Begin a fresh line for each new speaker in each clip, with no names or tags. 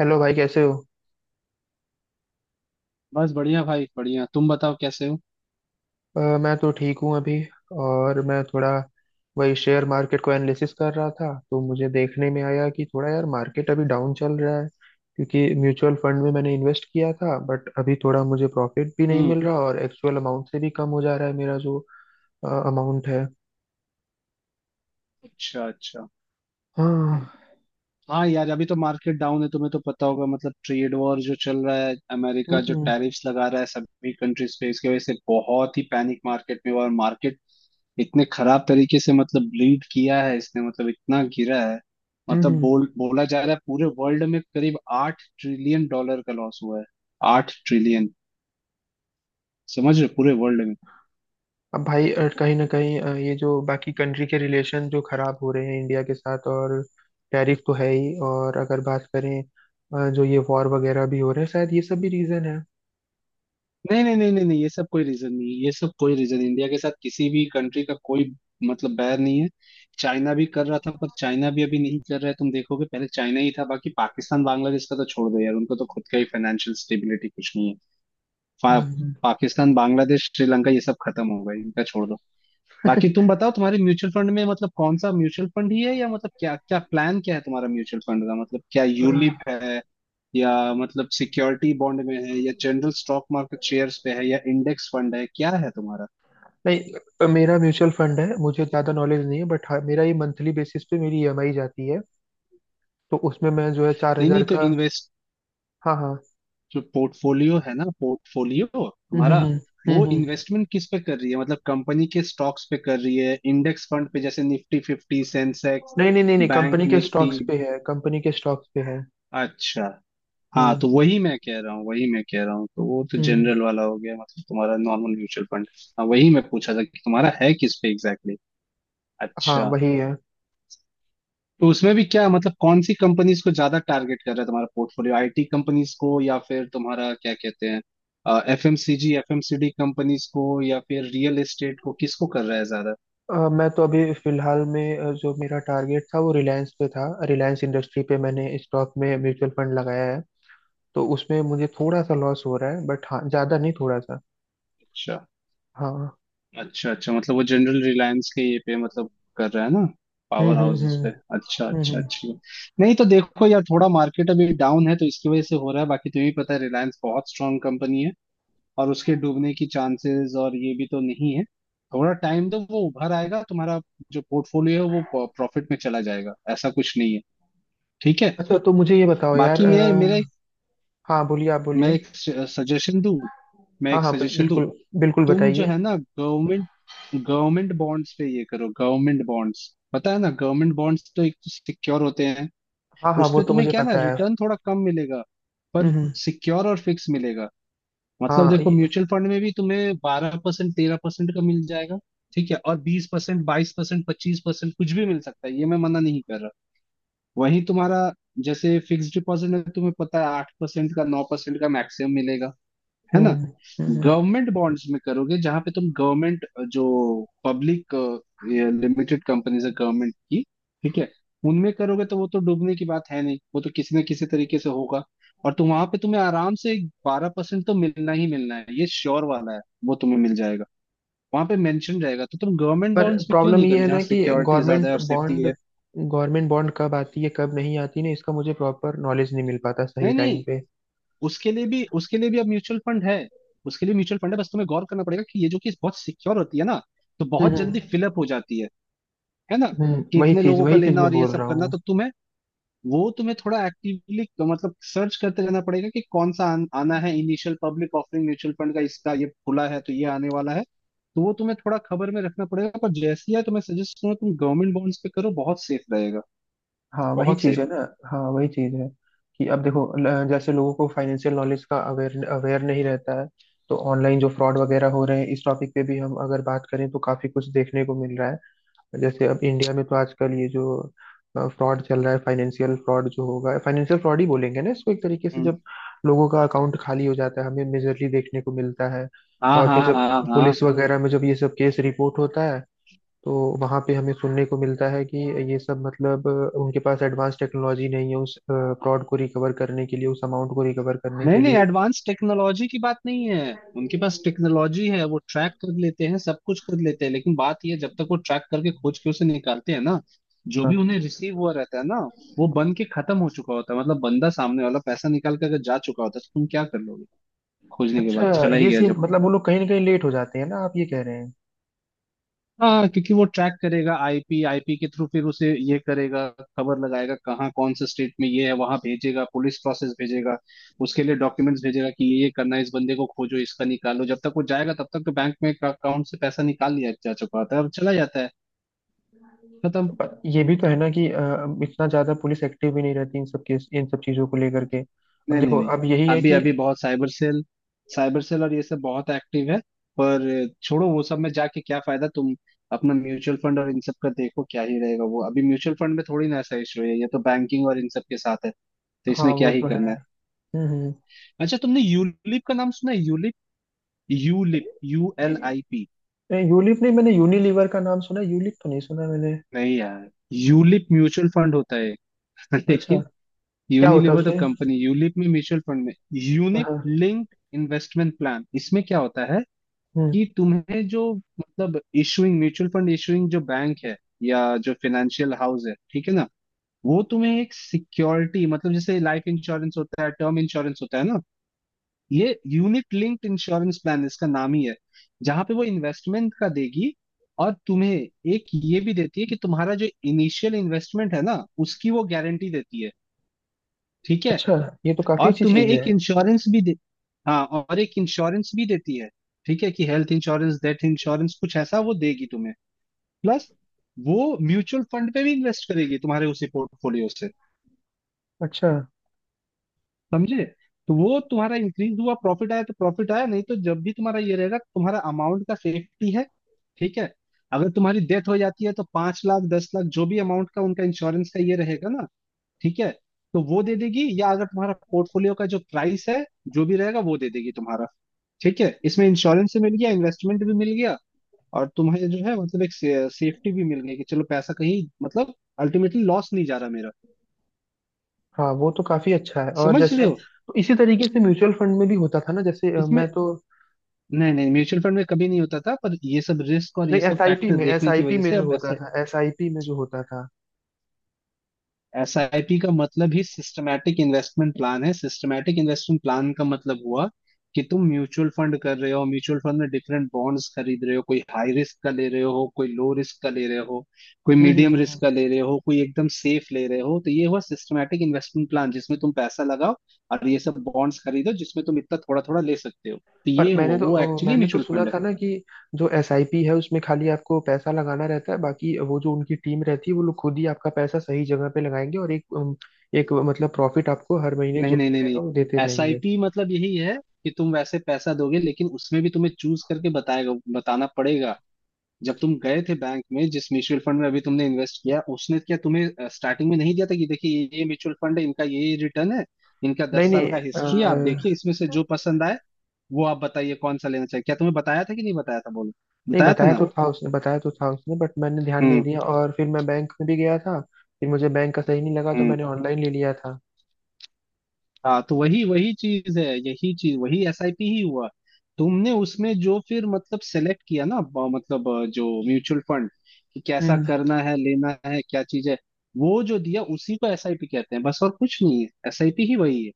Hello भाई, कैसे हो?
बस बढ़िया भाई बढ़िया। तुम बताओ कैसे हो।
मैं तो ठीक हूँ अभी। और मैं थोड़ा वही शेयर मार्केट को एनालिसिस कर रहा था, तो मुझे देखने में आया कि थोड़ा यार मार्केट अभी डाउन चल रहा है। क्योंकि म्यूचुअल फंड में मैंने इन्वेस्ट किया था, बट अभी थोड़ा मुझे प्रॉफिट भी नहीं
हम्म।
मिल रहा और एक्चुअल अमाउंट से भी कम हो जा रहा है मेरा जो अमाउंट है।
अच्छा अच्छा।
हाँ।
हाँ यार, अभी तो मार्केट डाउन है, तुम्हें तो पता होगा, मतलब ट्रेड वॉर जो चल रहा है,
हम्म,
अमेरिका जो
हम्म,
टैरिफ्स लगा रहा है सभी कंट्रीज पे, इसकी वजह से बहुत ही पैनिक मार्केट में हुआ और मार्केट इतने खराब तरीके से मतलब लीड किया है इसने, मतलब इतना गिरा है। मतलब
हम्म।
बोला जा रहा है पूरे वर्ल्ड में करीब 8 ट्रिलियन डॉलर का लॉस हुआ है। 8 ट्रिलियन। समझ रहे हो? पूरे वर्ल्ड में।
अब भाई, कहीं ना कहीं ये जो बाकी कंट्री के रिलेशन जो खराब हो रहे हैं इंडिया के साथ, और टैरिफ तो है ही, और अगर बात करें जो ये वॉर वगैरह भी हो रहे हैं, शायद ये सब भी रीजन है।
नहीं नहीं नहीं नहीं नहीं, ये सब कोई रीजन नहीं है, ये सब कोई रीजन, इंडिया के साथ किसी भी कंट्री का कोई मतलब बैर नहीं है। चाइना भी कर रहा था पर चाइना भी अभी नहीं कर रहा है, तुम देखोगे, पहले चाइना ही था। बाकी पाकिस्तान बांग्लादेश का तो छोड़ दो यार, उनको तो खुद का ही फाइनेंशियल स्टेबिलिटी कुछ नहीं है। पा,
हम्म।
पाकिस्तान बांग्लादेश श्रीलंका ये सब खत्म हो गए, इनका छोड़ दो। बाकी तुम बताओ, तुम्हारे म्यूचुअल फंड में मतलब कौन सा म्यूचुअल फंड ही है, या मतलब क्या क्या प्लान क्या है तुम्हारा? म्यूचुअल फंड का मतलब क्या
अ,
यूलिप है, या मतलब सिक्योरिटी बॉन्ड में है, या जनरल स्टॉक मार्केट शेयर्स पे है, या इंडेक्स फंड है, क्या है तुम्हारा?
नहीं, मेरा म्यूचुअल फंड है, मुझे ज़्यादा नॉलेज नहीं है, बट हाँ, मेरा ये मंथली बेसिस पे मेरी ईएमआई जाती है, तो उसमें मैं जो है चार
नहीं
हजार
नहीं, तो
का।
इन्वेस्ट
हाँ, हाँ।
जो पोर्टफोलियो है ना, पोर्टफोलियो
हम्म,
तुम्हारा
हम्म,
वो
हम्म,
इन्वेस्टमेंट किस पे कर रही है, मतलब कंपनी के स्टॉक्स पे कर रही है, इंडेक्स फंड पे, जैसे निफ्टी फिफ्टी सेंसेक्स
नहीं, नहीं, नहीं, नहीं,
बैंक
कंपनी के
निफ्टी?
स्टॉक्स पे है, कंपनी के स्टॉक्स पे है।
अच्छा। हाँ तो
हम्म,
वही मैं कह रहा हूँ, वही मैं कह रहा हूँ, तो वो तो
हम्म।
जनरल वाला हो गया, मतलब तुम्हारा नॉर्मल म्यूचुअल फंड। हाँ वही मैं पूछा था कि तुम्हारा है किस पे एग्जैक्टली exactly?
हाँ,
अच्छा।
वही है।
तो उसमें भी क्या, मतलब कौन सी कंपनीज को ज्यादा टारगेट कर रहा है तुम्हारा पोर्टफोलियो, आईटी कंपनीज को, या फिर तुम्हारा क्या कहते हैं एफएमसीजी एफएमसीडी कंपनीज को, या फिर रियल एस्टेट को, किसको कर रहा है ज्यादा?
मैं तो अभी फिलहाल में जो मेरा टारगेट था वो रिलायंस पे था, रिलायंस इंडस्ट्री पे मैंने स्टॉक में म्यूचुअल फंड लगाया है, तो उसमें मुझे थोड़ा सा लॉस हो रहा है, बट हाँ ज्यादा नहीं, थोड़ा सा।
अच्छा
हाँ।
अच्छा अच्छा, मतलब वो जनरल रिलायंस के ये पे, मतलब कर रहा है ना,
हम्म,
पावर
हम्म,
हाउसेस
हम्म,
पे। अच्छा
हम्म,
अच्छा, अच्छी बात। नहीं तो देखो यार, थोड़ा मार्केट अभी डाउन है तो इसकी वजह से हो रहा है, बाकी तुम्हें भी पता है रिलायंस बहुत स्ट्रांग कंपनी है, और उसके डूबने की चांसेस और ये भी तो नहीं है। थोड़ा टाइम दो, वो उभर आएगा, तुम्हारा जो पोर्टफोलियो है वो प्रॉफिट में चला जाएगा, ऐसा कुछ नहीं है। ठीक है।
अच्छा, तो मुझे ये बताओ यार
बाकी
अ, हाँ, बोलिए, आप
मैं
बोलिए।
एक सजेशन दूं, मैं
हाँ,
एक
हाँ,
सजेशन दूं,
बिल्कुल। बिल्कुल
तुम जो
बताइए।
है ना, गवर्नमेंट, गवर्नमेंट बॉन्ड्स पे ये करो, गवर्नमेंट बॉन्ड्स, पता है ना, गवर्नमेंट बॉन्ड्स तो एक तो सिक्योर होते हैं।
हाँ, हाँ, वो
उसपे
तो
तुम्हें
मुझे
क्या है ना,
पता है।
रिटर्न थोड़ा कम मिलेगा,
हम्म,
पर
हम्म।
सिक्योर और फिक्स मिलेगा। मतलब
हाँ
देखो
ये-
म्यूचुअल फंड में भी तुम्हें 12% 13% का मिल जाएगा, ठीक है, और 20% 22% 25% कुछ भी मिल सकता है, ये मैं मना नहीं कर रहा। वहीं तुम्हारा जैसे फिक्स डिपॉजिट में तुम्हें पता है 8% का 9% का मैक्सिमम मिलेगा, है ना।
हम्म, हम्म,
गवर्नमेंट बॉन्ड्स में करोगे, जहां पे तुम गवर्नमेंट जो पब्लिक लिमिटेड कंपनीज है गवर्नमेंट की, ठीक है, उनमें करोगे तो वो तो डूबने की बात है नहीं, वो तो किसी न किसी तरीके से होगा, और तुम वहां पे तुम्हें आराम से 12% तो मिलना ही मिलना है, ये श्योर वाला है। वो तुम्हें मिल जाएगा, वहां पे मेंशन रहेगा, तो तुम गवर्नमेंट
पर
बॉन्ड्स में क्यों
प्रॉब्लम
नहीं
ये
करो,
है
जहाँ
ना कि
सिक्योरिटी ज्यादा है
गवर्नमेंट
और सेफ्टी
बॉन्ड
है।
गवर्नमेंट बॉन्ड कब आती है कब नहीं आती ना, इसका मुझे प्रॉपर नॉलेज नहीं मिल पाता सही
नहीं
टाइम
नहीं,
पे।
उसके लिए भी अब म्यूचुअल फंड है। उसके लिए म्यूचुअल फंड है, बस तुम्हें गौर करना पड़ेगा कि ये जो, कि बहुत सिक्योर होती है ना, तो बहुत
हम्म,
जल्दी
हम्म,
फिलअप हो जाती है ना, कि
वही
इतने
चीज,
लोगों का
वही चीज
लेना
मैं
और ये
बोल
सब
रहा
करना,
हूँ।
तो तुम्हें, वो तुम्हें थोड़ा एक्टिवली मतलब सर्च करते रहना पड़ेगा कि कौन सा आना है, initial public offering mutual fund का, इसका ये खुला है तो ये आने वाला है, तो वो तुम्हें थोड़ा खबर में रखना पड़ेगा। पर जैसे ही है, तो मैं सजेस्ट करूंगा तुम गवर्नमेंट बॉन्ड्स पे करो, बहुत सेफ रहेगा,
हाँ, वही
बहुत
चीज है
सेफ।
ना। हाँ, वही चीज है। कि अब देखो, जैसे लोगों को फाइनेंशियल नॉलेज का अवेयर अवेयर नहीं रहता है। तो ऑनलाइन जो फ्रॉड वगैरह हो रहे हैं, इस टॉपिक पे भी हम अगर बात करें, तो काफी कुछ देखने को मिल रहा है। जैसे अब इंडिया में तो आजकल ये जो फ्रॉड चल रहा है, फाइनेंशियल फ्रॉड, जो होगा फाइनेंशियल फ्रॉड ही बोलेंगे ना इसको, एक तरीके से
हम्म।
जब लोगों का अकाउंट खाली हो जाता है, हमें मेजरली देखने को मिलता है।
हाँ
और फिर
हाँ
जब
हाँ हाँ।
पुलिस वगैरह में जब ये सब केस रिपोर्ट होता है, तो वहां पे हमें सुनने को मिलता है कि ये सब मतलब उनके पास एडवांस टेक्नोलॉजी नहीं है उस फ्रॉड को रिकवर करने के लिए, उस अमाउंट को रिकवर करने
नहीं
के
नहीं,
लिए।
एडवांस टेक्नोलॉजी की बात नहीं है, उनके पास टेक्नोलॉजी है, वो ट्रैक कर लेते हैं, सब कुछ कर लेते हैं, लेकिन बात यह है, जब तक वो ट्रैक करके खोज के उसे निकालते हैं ना, जो भी उन्हें
हाँ।
रिसीव हुआ रहता है ना, वो बन के खत्म हो चुका होता है, मतलब बंदा सामने वाला पैसा निकाल के अगर जा चुका होता है तो तुम क्या कर लोगे? खोजने के
अच्छा,
बाद चला ही
ये
गया
सीन
जब।
मतलब वो लोग कहीं ना कहीं लेट हो जाते हैं ना, आप ये कह रहे हैं।
हाँ, क्योंकि वो ट्रैक करेगा आईपी, आईपी के थ्रू, फिर उसे ये करेगा, खबर लगाएगा कहाँ कौन से स्टेट में ये है, वहां भेजेगा पुलिस, प्रोसेस भेजेगा, उसके लिए डॉक्यूमेंट्स भेजेगा कि ये करना है, इस बंदे को खोजो, इसका निकालो, जब तक वो जाएगा तब तक तो बैंक में अकाउंट से पैसा निकाल लिया जा चुका होता है और चला जाता है, खत्म।
पर ये भी तो है ना कि इतना ज्यादा पुलिस एक्टिव भी नहीं रहती इन सब केस, इन सब चीजों को लेकर के। अब
नहीं नहीं
देखो,
नहीं,
अब यही है
अभी
कि।
अभी बहुत साइबर सेल, साइबर सेल और ये सब बहुत एक्टिव है। पर छोड़ो वो सब में जाके क्या फायदा, तुम अपना म्यूचुअल फंड और इन सब का देखो, क्या ही रहेगा वो, अभी म्यूचुअल फंड में थोड़ी ना ऐसा इशू है, ये तो बैंकिंग और इन सब के साथ है, तो
हाँ,
इसमें क्या
वो
ही
तो है।
करना है।
हम्म, हम्म।
अच्छा, तुमने यूलिप का नाम सुना है? ULIP, ULIP U L I
ये-
पी।
यूलिप नहीं, मैंने यूनिलीवर का नाम सुना है, यूलिप तो नहीं सुना मैंने।
नहीं यार, यूलिप म्यूचुअल फंड होता है
अच्छा,
लेकिन,
क्या होता है
यूनिलीवर तो
उसमें?
कंपनी, यूलिप में, म्यूचुअल फंड में,
हाँ,
यूनिट
हाँ।
लिंक्ड इन्वेस्टमेंट प्लान, इसमें क्या होता है
हम्म।
कि तुम्हें जो, मतलब इशूइंग म्यूचुअल फंड इशूइंग जो बैंक है, या जो फिनेंशियल हाउस है, ठीक है ना, वो तुम्हें एक सिक्योरिटी, मतलब जैसे लाइफ इंश्योरेंस होता है, टर्म इंश्योरेंस होता है ना, ये यूनिट लिंक्ड इंश्योरेंस प्लान इसका नाम ही है। जहां पे वो इन्वेस्टमेंट का देगी, और तुम्हें एक ये भी देती है कि तुम्हारा जो इनिशियल इन्वेस्टमेंट है ना उसकी वो गारंटी देती है, ठीक है।
अच्छा, ये तो काफी
और
अच्छी
तुम्हें
चीज
एक
है।
इंश्योरेंस भी दे, हाँ और एक इंश्योरेंस भी देती है, ठीक है, कि हेल्थ इंश्योरेंस डेथ इंश्योरेंस कुछ ऐसा वो देगी तुम्हें, प्लस वो म्यूचुअल फंड पे भी इन्वेस्ट करेगी तुम्हारे उसी पोर्टफोलियो से,
अच्छा।
समझे? तो वो तुम्हारा इंक्रीज हुआ, प्रॉफिट आया तो प्रॉफिट आया, नहीं तो जब भी तुम्हारा ये रहेगा, तुम्हारा अमाउंट का सेफ्टी है, ठीक है। अगर तुम्हारी डेथ हो जाती है तो 5 लाख 10 लाख जो भी अमाउंट का उनका इंश्योरेंस का ये रहेगा ना, ठीक है, तो वो दे देगी, या अगर तुम्हारा पोर्टफोलियो का जो प्राइस है, जो भी रहेगा वो दे देगी तुम्हारा, ठीक है। इसमें इंश्योरेंस से मिल गया, इन्वेस्टमेंट भी मिल गया, और तुम्हें जो है, मतलब एक सेफ्टी भी मिल गई कि चलो पैसा कहीं मतलब अल्टीमेटली लॉस नहीं जा रहा मेरा।
हाँ, वो तो काफी अच्छा है। और
समझ रहे
जैसे,
हो?
तो इसी तरीके से म्यूचुअल फंड में भी होता था ना, जैसे
इसमें।
मैं तो।
नहीं नहीं, म्यूचुअल फंड में कभी नहीं होता था, पर ये सब रिस्क और
नहीं,
ये सब
एसआईपी
फैक्टर
में
देखने की
एसआईपी
वजह
में
से
जो
अब
होता
ऐसा।
था, एसआईपी में जो होता था।
एसआईपी का मतलब ही सिस्टमैटिक इन्वेस्टमेंट प्लान है, सिस्टमैटिक इन्वेस्टमेंट प्लान का मतलब हुआ कि तुम म्यूचुअल फंड कर रहे हो, म्यूचुअल फंड में डिफरेंट बॉन्ड्स खरीद रहे हो, कोई हाई रिस्क का ले रहे हो, कोई लो रिस्क का ले रहे हो, कोई
हम्म, हम्म,
मीडियम
हम्म।
रिस्क का ले रहे हो, कोई एकदम सेफ ले रहे हो, तो ये हुआ सिस्टमैटिक इन्वेस्टमेंट प्लान, जिसमें तुम पैसा लगाओ और ये सब बॉन्ड्स खरीदो, जिसमें तुम इतना थोड़ा थोड़ा ले सकते हो, तो
पर
ये हुआ वो, एक्चुअली
मैंने तो
म्यूचुअल
सुना
फंड है।
था ना कि जो एसआईपी है उसमें खाली आपको पैसा लगाना रहता है, बाकी वो जो उनकी टीम रहती है वो लोग खुद ही आपका पैसा सही जगह पे लगाएंगे, और एक मतलब प्रॉफिट आपको हर महीने जो
नहीं
भी
नहीं नहीं
रहेगा
नहीं,
वो देते
एस आई
रहेंगे।
पी मतलब यही है कि तुम वैसे पैसा दोगे, लेकिन उसमें भी तुम्हें चूज करके बताएगा, बताना पड़ेगा। जब तुम गए थे बैंक में जिस म्यूचुअल फंड में अभी तुमने इन्वेस्ट किया, उसने क्या तुम्हें स्टार्टिंग में नहीं दिया था कि देखिए ये म्यूचुअल फंड है, इनका ये रिटर्न है, इनका
नहीं
10 साल
नहीं
का हिस्ट्री है, आप देखिए
अ,
इसमें से जो पसंद आए वो आप बताइए कौन सा लेना चाहिए, क्या तुम्हें बताया था कि नहीं बताया था बोलो?
नहीं,
बताया था
बताया
ना।
तो था उसने, बताया तो था उसने, बट मैंने ध्यान नहीं
हम्म
दिया, और फिर मैं बैंक में भी गया था। फिर मुझे बैंक का सही नहीं लगा, तो
हम्म।
मैंने ऑनलाइन ले लिया था।
हाँ तो वही वही चीज है, यही चीज, वही एसआईपी ही हुआ। तुमने उसमें जो फिर मतलब सेलेक्ट किया ना जो म्यूचुअल फंड, कि कैसा
हम्म।
करना है, लेना है, क्या चीज है, वो जो दिया उसी को एसआईपी कहते हैं, बस और कुछ नहीं है, एसआईपी ही वही है।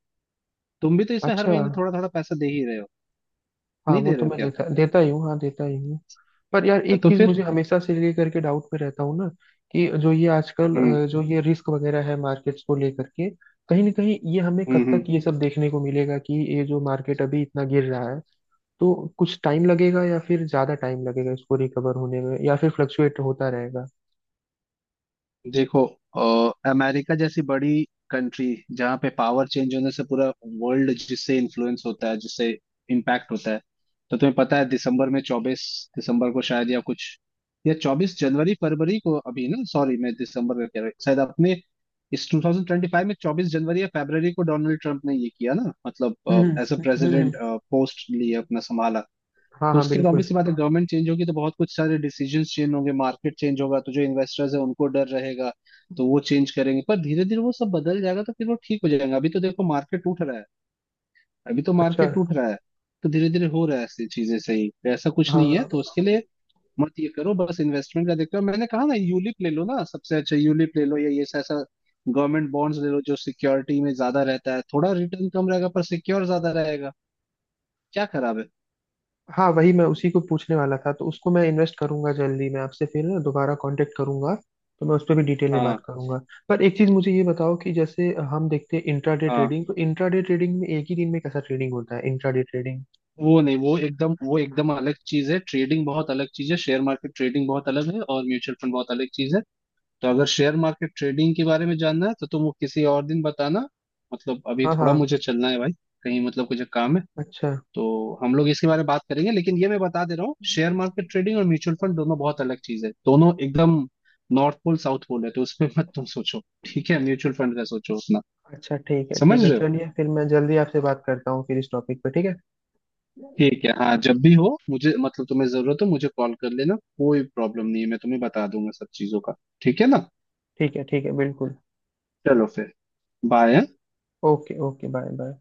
तुम भी तो इसमें हर
अच्छा।
महीने थोड़ा थोड़ा पैसा दे ही रहे हो,
हाँ,
नहीं
वो
दे रहे
तो
हो
मैं
क्या?
देता देता ही हूँ, हाँ देता ही हूँ। पर यार
हाँ,
एक
तो
चीज
फिर।
मुझे हमेशा से लेकर के डाउट में रहता हूँ ना, कि जो ये आजकल
हम्म
जो ये रिस्क वगैरह है मार्केट्स को लेकर के, कहीं ना कहीं ये हमें कब तक
हम्म।
ये सब देखने को मिलेगा कि ये जो मार्केट अभी इतना गिर रहा है? तो कुछ टाइम लगेगा या फिर ज्यादा टाइम लगेगा इसको रिकवर होने में, या फिर फ्लक्चुएट होता रहेगा?
देखो अमेरिका जैसी बड़ी कंट्री, जहाँ पे पावर चेंज होने से पूरा वर्ल्ड जिससे इन्फ्लुएंस होता है, जिससे इम्पैक्ट होता है, तो तुम्हें पता है दिसंबर में 24 दिसंबर को शायद, या कुछ, या 24 जनवरी फरवरी को, अभी ना, सॉरी मैं दिसंबर में कह रहा हूँ, शायद अपने इस 2025 में 24 जनवरी या फरवरी को डोनाल्ड ट्रंप ने ये किया ना,
हम्म,
मतलब एज अ
हम्म, हम्म।
प्रेसिडेंट पोस्ट लिए अपना संभाला।
हाँ,
तो
हाँ,
उसके तो
बिल्कुल।
ऑब्वियस सी बात है, गवर्नमेंट चेंज होगी तो बहुत कुछ सारे डिसीजंस चेंज होंगे, मार्केट चेंज होगा, तो जो इन्वेस्टर्स है उनको डर रहेगा, तो वो चेंज करेंगे, पर धीरे धीरे वो सब बदल जाएगा, तो फिर वो ठीक हो जाएगा। अभी तो देखो मार्केट टूट रहा है, अभी तो
अच्छा।
मार्केट टूट रहा है, तो धीरे धीरे हो रहा है, ऐसी चीजें सही, तो ऐसा कुछ नहीं है।
हाँ,
तो उसके लिए मत ये करो, बस इन्वेस्टमेंट का देखते हो, मैंने कहा ना यूलिप ले लो ना, सबसे अच्छा यूलिप ले लो, या ये ऐसा गवर्नमेंट बॉन्ड्स ले लो, जो सिक्योरिटी में ज्यादा रहता है, थोड़ा रिटर्न कम रहेगा पर सिक्योर ज्यादा रहेगा, क्या खराब है?
हाँ, वही मैं उसी को पूछने वाला था, तो उसको मैं इन्वेस्ट करूंगा जल्दी, मैं आपसे फिर ना दोबारा कांटेक्ट करूंगा। तो मैं उस पर भी डिटेल में
हाँ
बात करूंगा। पर एक चीज मुझे ये बताओ कि जैसे हम देखते हैं इंट्राडे
हाँ।
ट्रेडिंग, तो इंट्राडे ट्रेडिंग में एक ही दिन में कैसा ट्रेडिंग होता है इंट्राडे ट्रेडिंग?
वो नहीं, वो एकदम अलग चीज है, ट्रेडिंग बहुत अलग चीज है, शेयर मार्केट ट्रेडिंग बहुत अलग है और म्यूचुअल फंड बहुत अलग चीज है। तो अगर शेयर मार्केट ट्रेडिंग के बारे में जानना है तो तुम वो किसी और दिन बताना, मतलब अभी
हाँ, हाँ।
थोड़ा मुझे चलना है भाई, कहीं मतलब कुछ काम है,
अच्छा,
तो हम लोग इसके बारे में बात करेंगे। लेकिन ये मैं बता दे रहा हूँ, शेयर मार्केट ट्रेडिंग और म्यूचुअल फंड दोनों बहुत अलग चीज है, दोनों एकदम नॉर्थ पोल साउथ पोल है, तो उसमें मत तुम सोचो, ठीक है, म्यूचुअल फंड का सोचो अपना,
अच्छा। ठीक है, ठीक
समझ
है,
रहे हो?
चलिए फिर मैं जल्दी आपसे बात करता हूँ फिर इस टॉपिक पे, ठीक है?
ठीक है, हाँ जब भी हो मुझे, मतलब तुम्हें जरूरत हो मुझे कॉल कर लेना, कोई प्रॉब्लम नहीं है, मैं तुम्हें बता दूंगा सब चीजों का, ठीक है ना।
ठीक है, ठीक है, बिल्कुल।
चलो फिर, बाय, हाँ?
Okay, okay, bye, bye.